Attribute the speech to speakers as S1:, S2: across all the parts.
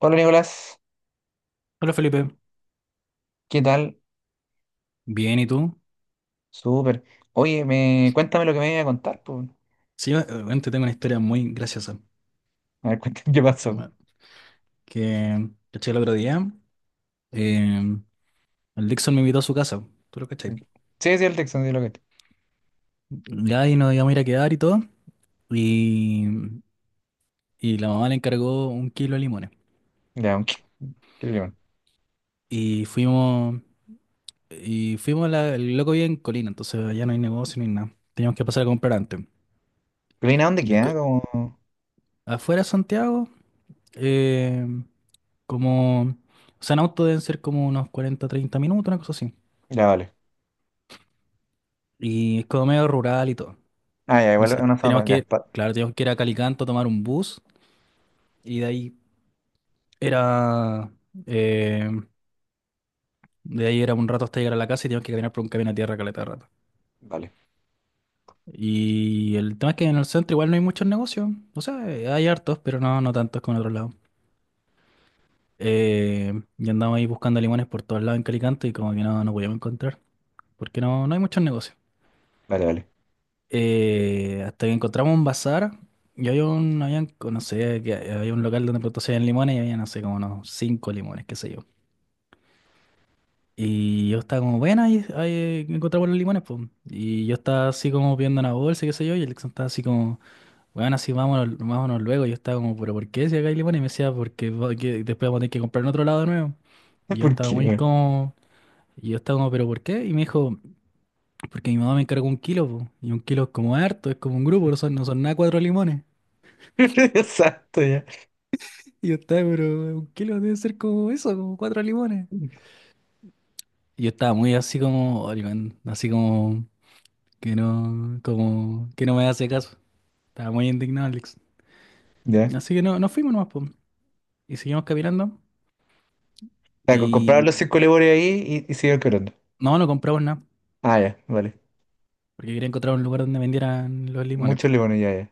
S1: Hola Nicolás,
S2: Hola Felipe,
S1: ¿qué tal?
S2: bien, ¿y tú?
S1: Súper. Oye, cuéntame lo que me iba a contar, po.
S2: Sí, yo bueno, te tengo una historia muy graciosa.
S1: A ver, cuéntame qué pasó.
S2: Bueno, que caché el otro día, eh, el Dixon me invitó a su casa, tú lo cachai.
S1: Sí, sí, el Texan, sí, lo que.
S2: Ya ahí nos íbamos a ir a quedar y todo, y, y la mamá le encargó un kilo de limones.
S1: Ya, aunque. ¿Qué le llaman?
S2: Y fuimos, el loco vive en Colina, entonces allá no hay negocio ni nada. Teníamos que pasar a comprar antes.
S1: ¿Reina dónde
S2: Y el co-
S1: queda? Como.
S2: Afuera de Santiago, eh, como, o sea, en auto deben ser como unos 40 30 minutos, una cosa así.
S1: Ya, vale.
S2: Y es como medio rural y todo.
S1: Ah, ya,
S2: O
S1: igual es
S2: sea,
S1: una
S2: teníamos
S1: zona. Ya,
S2: que,
S1: pa-
S2: claro, teníamos que ir a Calicanto, tomar un bus y era, eh, de ahí era un rato hasta llegar a la casa, y teníamos que caminar por un camino a tierra caleta de rato.
S1: Vale,
S2: Y el tema es que en el centro igual no hay muchos negocios. O sea, hay hartos, pero no, no tantos como en otros lados. Eh, y andamos ahí buscando limones por todos lados en Calicanto, y como que no, no podíamos encontrar. Porque no, no hay muchos negocios.
S1: vale, vale.
S2: Hasta que encontramos un bazar, y habían, no sé, que había un local donde producían limones, y había, no sé, como unos cinco limones, qué sé yo. Y yo estaba como, bueno, ahí encontramos los limones, pues. Y yo estaba así como viendo una bolsa, qué sé yo, y Alexon estaba así como, bueno, así vámonos, vámonos luego. Y yo estaba como, pero ¿por qué si acá hay limones? Y me decía, que después vamos a tener que comprar en otro lado de nuevo. Y yo
S1: ¿Por
S2: estaba
S1: qué,
S2: muy
S1: weón?
S2: como, y yo estaba como, pero ¿por qué? Y me dijo, porque mi mamá me encargó un kilo, po, y un kilo es como harto, es como un grupo, no son nada cuatro limones.
S1: Exacto, ya.
S2: Y yo estaba, pero un kilo debe ser como eso, como cuatro limones. Y yo estaba muy así como, "Oye, man", así como que no me hace caso. Estaba muy indignado, Alex.
S1: Ya.
S2: Así que no, nos fuimos nomás, po. Y seguimos caminando.
S1: O sea, compraron
S2: Y
S1: los cinco lebones ahí y siguieron quebrando.
S2: no, no compramos nada,
S1: Ah, ya, vale.
S2: porque quería encontrar un lugar donde vendieran los limones, po.
S1: Muchos lebones, ya, ya.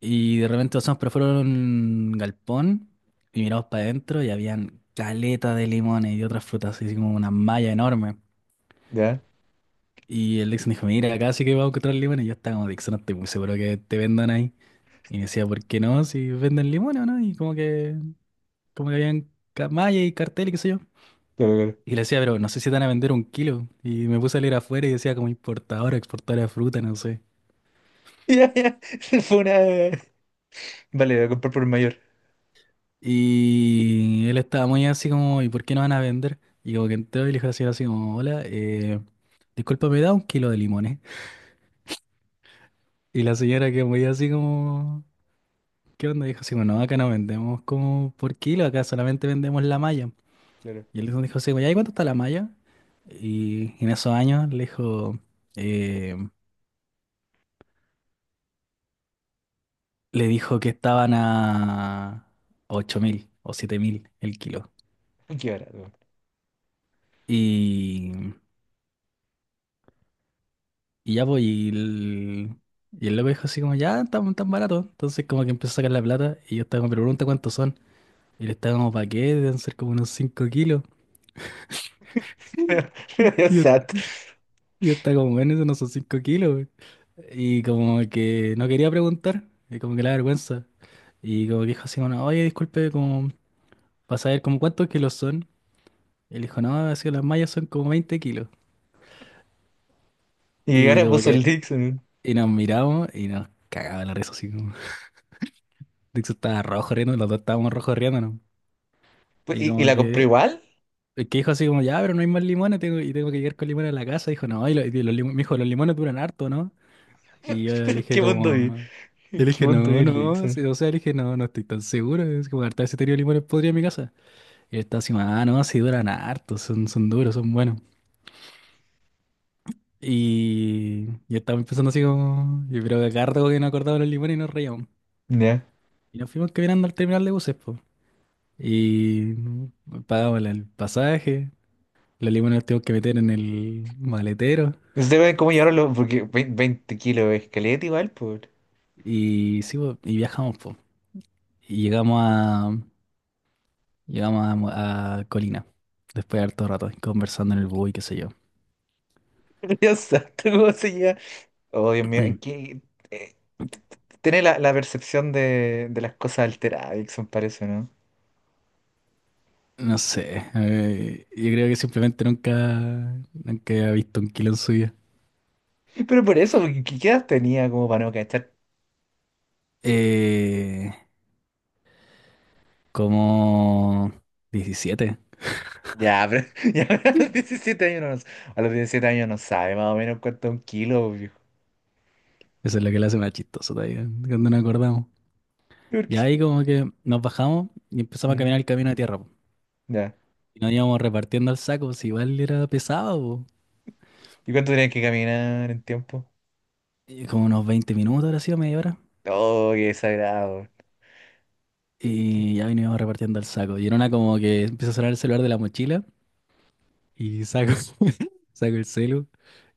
S2: Y de repente pasamos por fuera de un galpón y miramos para adentro, y habían caleta de limones y otras frutas, así como una malla enorme.
S1: Ya,
S2: Y el Dixon dijo, mira, acá sí que vamos a encontrar limones. Y yo estaba como, Dixon, no estoy muy seguro que te vendan ahí. Y me decía, ¿por qué no? Si venden limones o no. Y como que habían mallas y cartel y qué sé yo.
S1: claro, claro.
S2: Y le decía, pero no sé si te van a vender un kilo. Y me puse a leer afuera y decía como importadora, exportadora de fruta, no sé.
S1: Ya, ya. Fue una. Vale, voy a comprar por el mayor.
S2: Y él estaba muy así como, ¿y por qué no van a vender? Y como que entró y le dijo así, así como, hola, disculpa, ¿me da un kilo de limones? Y la señora que muy así como... ¿Qué onda? Dijo, sí, bueno, acá no vendemos como por kilo, acá solamente vendemos la malla.
S1: Claro.
S2: Y él dijo, sí, bueno, ¿y cuánto está la malla? Y en esos años eh, le dijo que estaban a 8.000 o 7.000 el kilo.
S1: Qué barato.
S2: Y, y ya, pues, y el loco dijo así como, ya, estamos tan baratos. Entonces como que empezó a sacar la plata, y yo estaba como, pero pregunta cuántos son. Y le estaba como, ¿para qué? Deben ser como unos 5 kilos. Y yo
S1: Exacto.
S2: Y está como en eso, no son 5 kilos, güey. Y como que no quería preguntar, y como que la vergüenza. Y como que dijo así, bueno, oye, disculpe, como para saber como cuántos kilos son. Y él dijo, no, así las mallas son como 20 kilos.
S1: Y
S2: Y
S1: ahora
S2: como
S1: puso
S2: que,
S1: el Dixon.
S2: y nos miramos y nos cagaba la risa así como. De estaba rojo riendo, los dos estábamos rojos riendo, no.
S1: Pues,
S2: Y
S1: ¿Y
S2: como
S1: la compró
S2: que,
S1: igual?
S2: el que dijo así como, ya, pero no hay más limones, tengo, y tengo que llegar con limones a la casa. Dijo, no, me dijo, los limones duran harto, ¿no? Y yo le dije
S1: ¿Qué mundo vi?
S2: como, yo le
S1: ¿Qué
S2: dije,
S1: mundo vi
S2: no,
S1: el
S2: no,
S1: Dixon?
S2: sí, o sea, le dije, no, no estoy tan seguro, es como harta ese tenido limones podría en mi casa. Y él estaba así, ah, no, sí duran harto, son duros, son buenos. Y yo estaba empezando así como, y pero acá rato que no acordaba los limones, y nos reíamos.
S1: Ya.
S2: Y nos fuimos caminando al terminal de buses, pues. Y pagamos el pasaje, los limones los tuvimos que meter en el maletero.
S1: Y ustedes ven cómo llevaron los. Porque 20 kilos es caleta igual, por.
S2: Y sí, po, y viajamos, pues. Y llegamos, llegamos a Colina, después de harto rato, conversando en el bus y qué sé yo.
S1: Dios santo, ¿cómo se lleva? Oh, Dios mío, ¿en qué...? eh, t- t- Tiene la percepción de las cosas alteradas, Dixon, parece, ¿no?
S2: No sé, yo creo que simplemente nunca, nunca había visto un kilo en su vida.
S1: Pero por eso, porque ¿qué edad tenía como para no cachar?
S2: Eh, Como 17.
S1: Ya, pero. Ya, a los 17 años no, a los 17 años no sabe más o menos cuánto es un kilo, viejo.
S2: Eso es lo que le hace más chistoso todavía, cuando nos acordamos.
S1: ¿Por
S2: Y
S1: qué?
S2: ahí como que nos bajamos y empezamos a
S1: Mm.
S2: caminar el camino de tierra, po.
S1: Ya.
S2: Y nos íbamos repartiendo al saco, si igual era pesado, po.
S1: ¿Y cuánto tenías que caminar en tiempo?
S2: Y como unos 20 minutos, ahora sido media hora.
S1: Oh, qué desagradable. Qué-
S2: Y ya veníamos repartiendo el saco. Y en una como que empieza a sonar el celular de la mochila, y saco, saco el celu,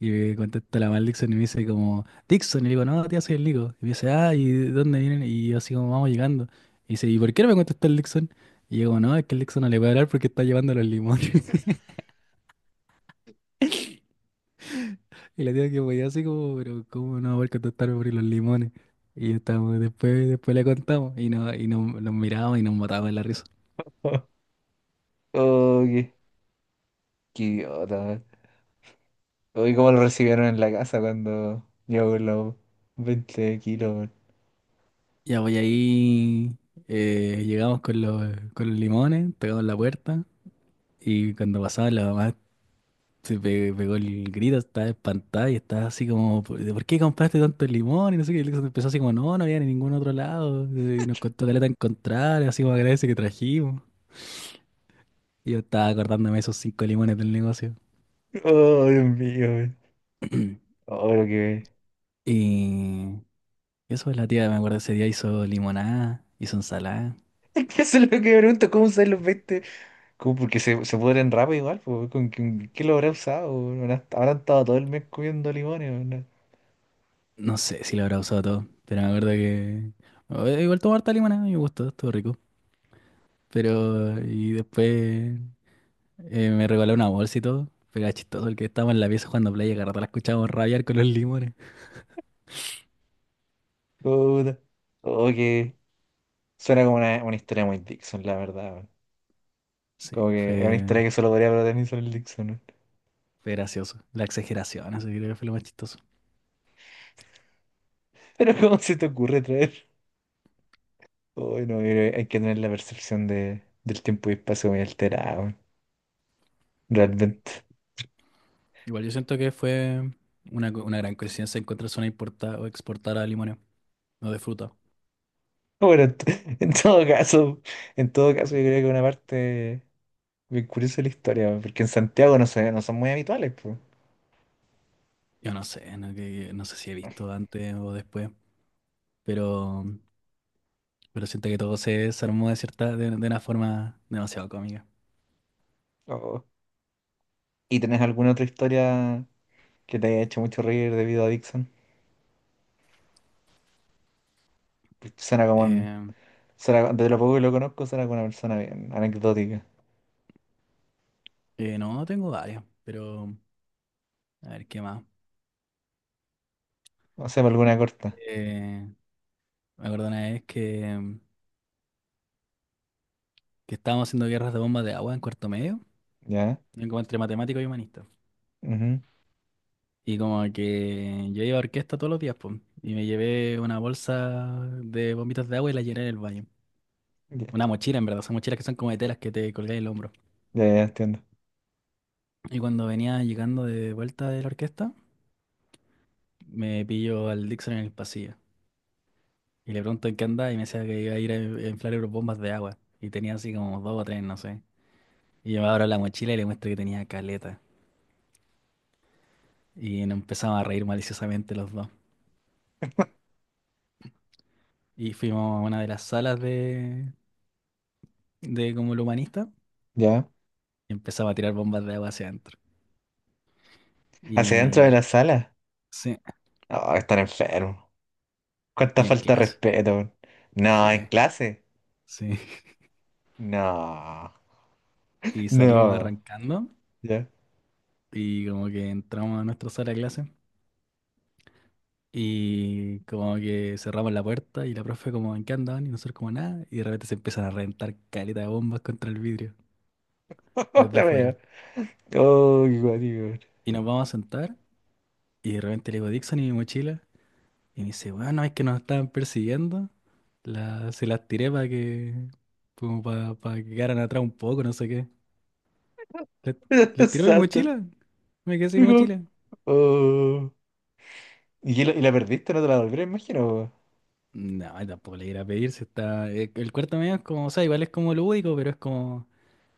S2: y me contesta la mal Dixon, y me dice como, Dixon, y le digo, no, tía, soy el Nico. Y me dice, ah, ¿y de dónde vienen? Y yo así como, vamos llegando. Y dice, ¿y por qué no me contestó el Dixon? Y yo como, no, es que el Dixon no le puede hablar porque está llevando los limones. Y la tía que podía así como, pero ¿cómo no va a poder contestarme por los limones? Y estábamos, después le contamos y, no, y nos mirábamos y nos matábamos de la risa.
S1: Oh, qué idiota, man. Oh, ¿y cómo lo recibieron en la casa cuando llegó con los 20 kilos, man?
S2: Ya voy ahí, llegamos con los limones, tocamos la puerta, y cuando pasaba la mamá se pegó el grito, estaba espantada y estaba así como, ¿por qué compraste tanto limón? Y no sé qué, y empezó así como, no, no había en ningún otro lado, y nos costó caleta encontrar, así como agradece que trajimos. Y yo estaba acordándome de esos cinco limones del negocio.
S1: Oh, Dios mío, man. Oh, lo que.
S2: Y eso es la tía, me acuerdo ese día hizo limonada, hizo ensalada.
S1: Es que eso es lo que me pregunto, ¿cómo usan los 20? ¿Cómo? Porque se pudren rápido igual, pues, ¿con qué lo habrá usado, weón? Habrán estado todo el mes comiendo limones, weón.
S2: No sé si lo habrá usado todo, pero me acuerdo que... Igual tomar harta limonada, me gustó, estuvo rico. Pero... Y después me regaló una bolsa y todo. Pero era chistoso el que estábamos en la pieza jugando play y a cada rato la escuchábamos rabiar con los limones.
S1: Puta. Oh, qué. Suena como una historia muy Dixon, la verdad.
S2: Sí,
S1: Como que es una historia
S2: fue,
S1: que solo podría hablar Nelson el Dixon, ¿no?
S2: fue gracioso. La exageración, así creo que fue lo más chistoso.
S1: Pero ¿cómo se te ocurre traer? Uy, no, mira, hay que tener la percepción del tiempo y espacio muy alterada, weón, realmente.
S2: Igual yo siento que fue una gran coincidencia encontrarse una importada o exportada de limones, no de fruta.
S1: Bueno, en todo caso yo creo que una parte bien curiosa de la historia, weón, porque en Santiago no son muy habituales, pues.
S2: Yo no sé, no, no sé si he visto antes o después, pero... Pero siento que todo se desarmó de cierta, de una forma demasiado cómica.
S1: Oh. ¿Y tenés alguna otra historia que te haya hecho mucho reír debido a Dixon? Pues
S2: Eh,
S1: suena, de lo poco que lo conozco, suena como una persona bien anecdótica.
S2: no, tengo varias, pero a ver qué más.
S1: O sea, alguna corta.
S2: Eh, Me acuerdo una vez que estábamos haciendo guerras de bombas de agua en cuarto medio,
S1: ¿Ya?
S2: como entre matemático y humanista.
S1: Ujú.
S2: Y como que yo iba a orquesta todos los días, pues, y me llevé una bolsa de bombitas de agua y la llené en el baño. Una mochila, en verdad, son mochilas que son como de telas que te colgáis el hombro.
S1: Ya, ya entiendo.
S2: Y cuando venía llegando de vuelta de la orquesta, me pillo al Dixon en el pasillo. Y le pregunto en qué andaba, y me decía que iba a ir a inflar bombas de agua. Y tenía así como dos o tres, no sé. Y yo me abro la mochila y le muestro que tenía caleta. Y nos empezamos a reír maliciosamente los dos. Y fuimos a una de las salas de como el humanista,
S1: Ya.
S2: y empezaba a tirar bombas de agua hacia adentro.
S1: Hacia dentro de
S2: Y
S1: la sala.
S2: sí,
S1: No, están enfermos. Cuánta
S2: y en
S1: falta de
S2: clase.
S1: respeto, weón. No, en
S2: Sí,
S1: clase.
S2: sí.
S1: No.
S2: Y salimos
S1: No.
S2: arrancando,
S1: Ya.
S2: y como que entramos a nuestra sala de clase. Y como que cerramos la puerta, y la profe como, ¿en qué andaban? Y nosotros como nada. Y de repente se empiezan a reventar caleta de bombas contra el vidrio desde
S1: La wea.
S2: afuera.
S1: Oh, qué guático,
S2: Y nos vamos a sentar, y de repente le digo, Dixon, ¿y mi mochila? Y me dice, bueno, es que nos estaban persiguiendo. La, se las tiré para que, como para, que quedaran atrás un poco, no sé qué. Le, le
S1: weón.
S2: tiró mi
S1: Santo.
S2: mochila. Me quedé sin
S1: Digo.
S2: mochila.
S1: Oh. ¿Y la perdiste? ¿No te la devolvieron, imagino, weón?
S2: No, tampoco le iré a pedir si está... el cuarto medio es como, o sea, igual es como lúdico, pero es como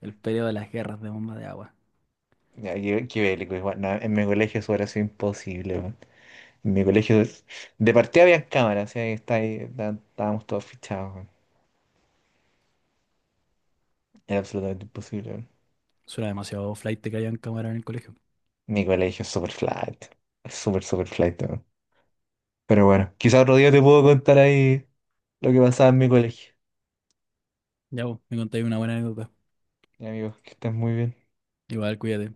S2: el periodo de las guerras de bomba de agua.
S1: Ya, qué bélico, igual. No, en mi colegio eso hubiera sido imposible, weón. En mi colegio de partida había cámaras, así que está ahí, estábamos todos fichados, weón. Era absolutamente imposible.
S2: Suena demasiado flight que hayan cámara en el colegio.
S1: Mi colegio es súper flight. Es súper, súper flight, weón. Pero bueno, quizá otro día te puedo contar ahí lo que pasaba en mi colegio.
S2: Ya vos, me contáis una buena anécdota.
S1: Y amigos, que estés muy bien.
S2: Igual, cuídate.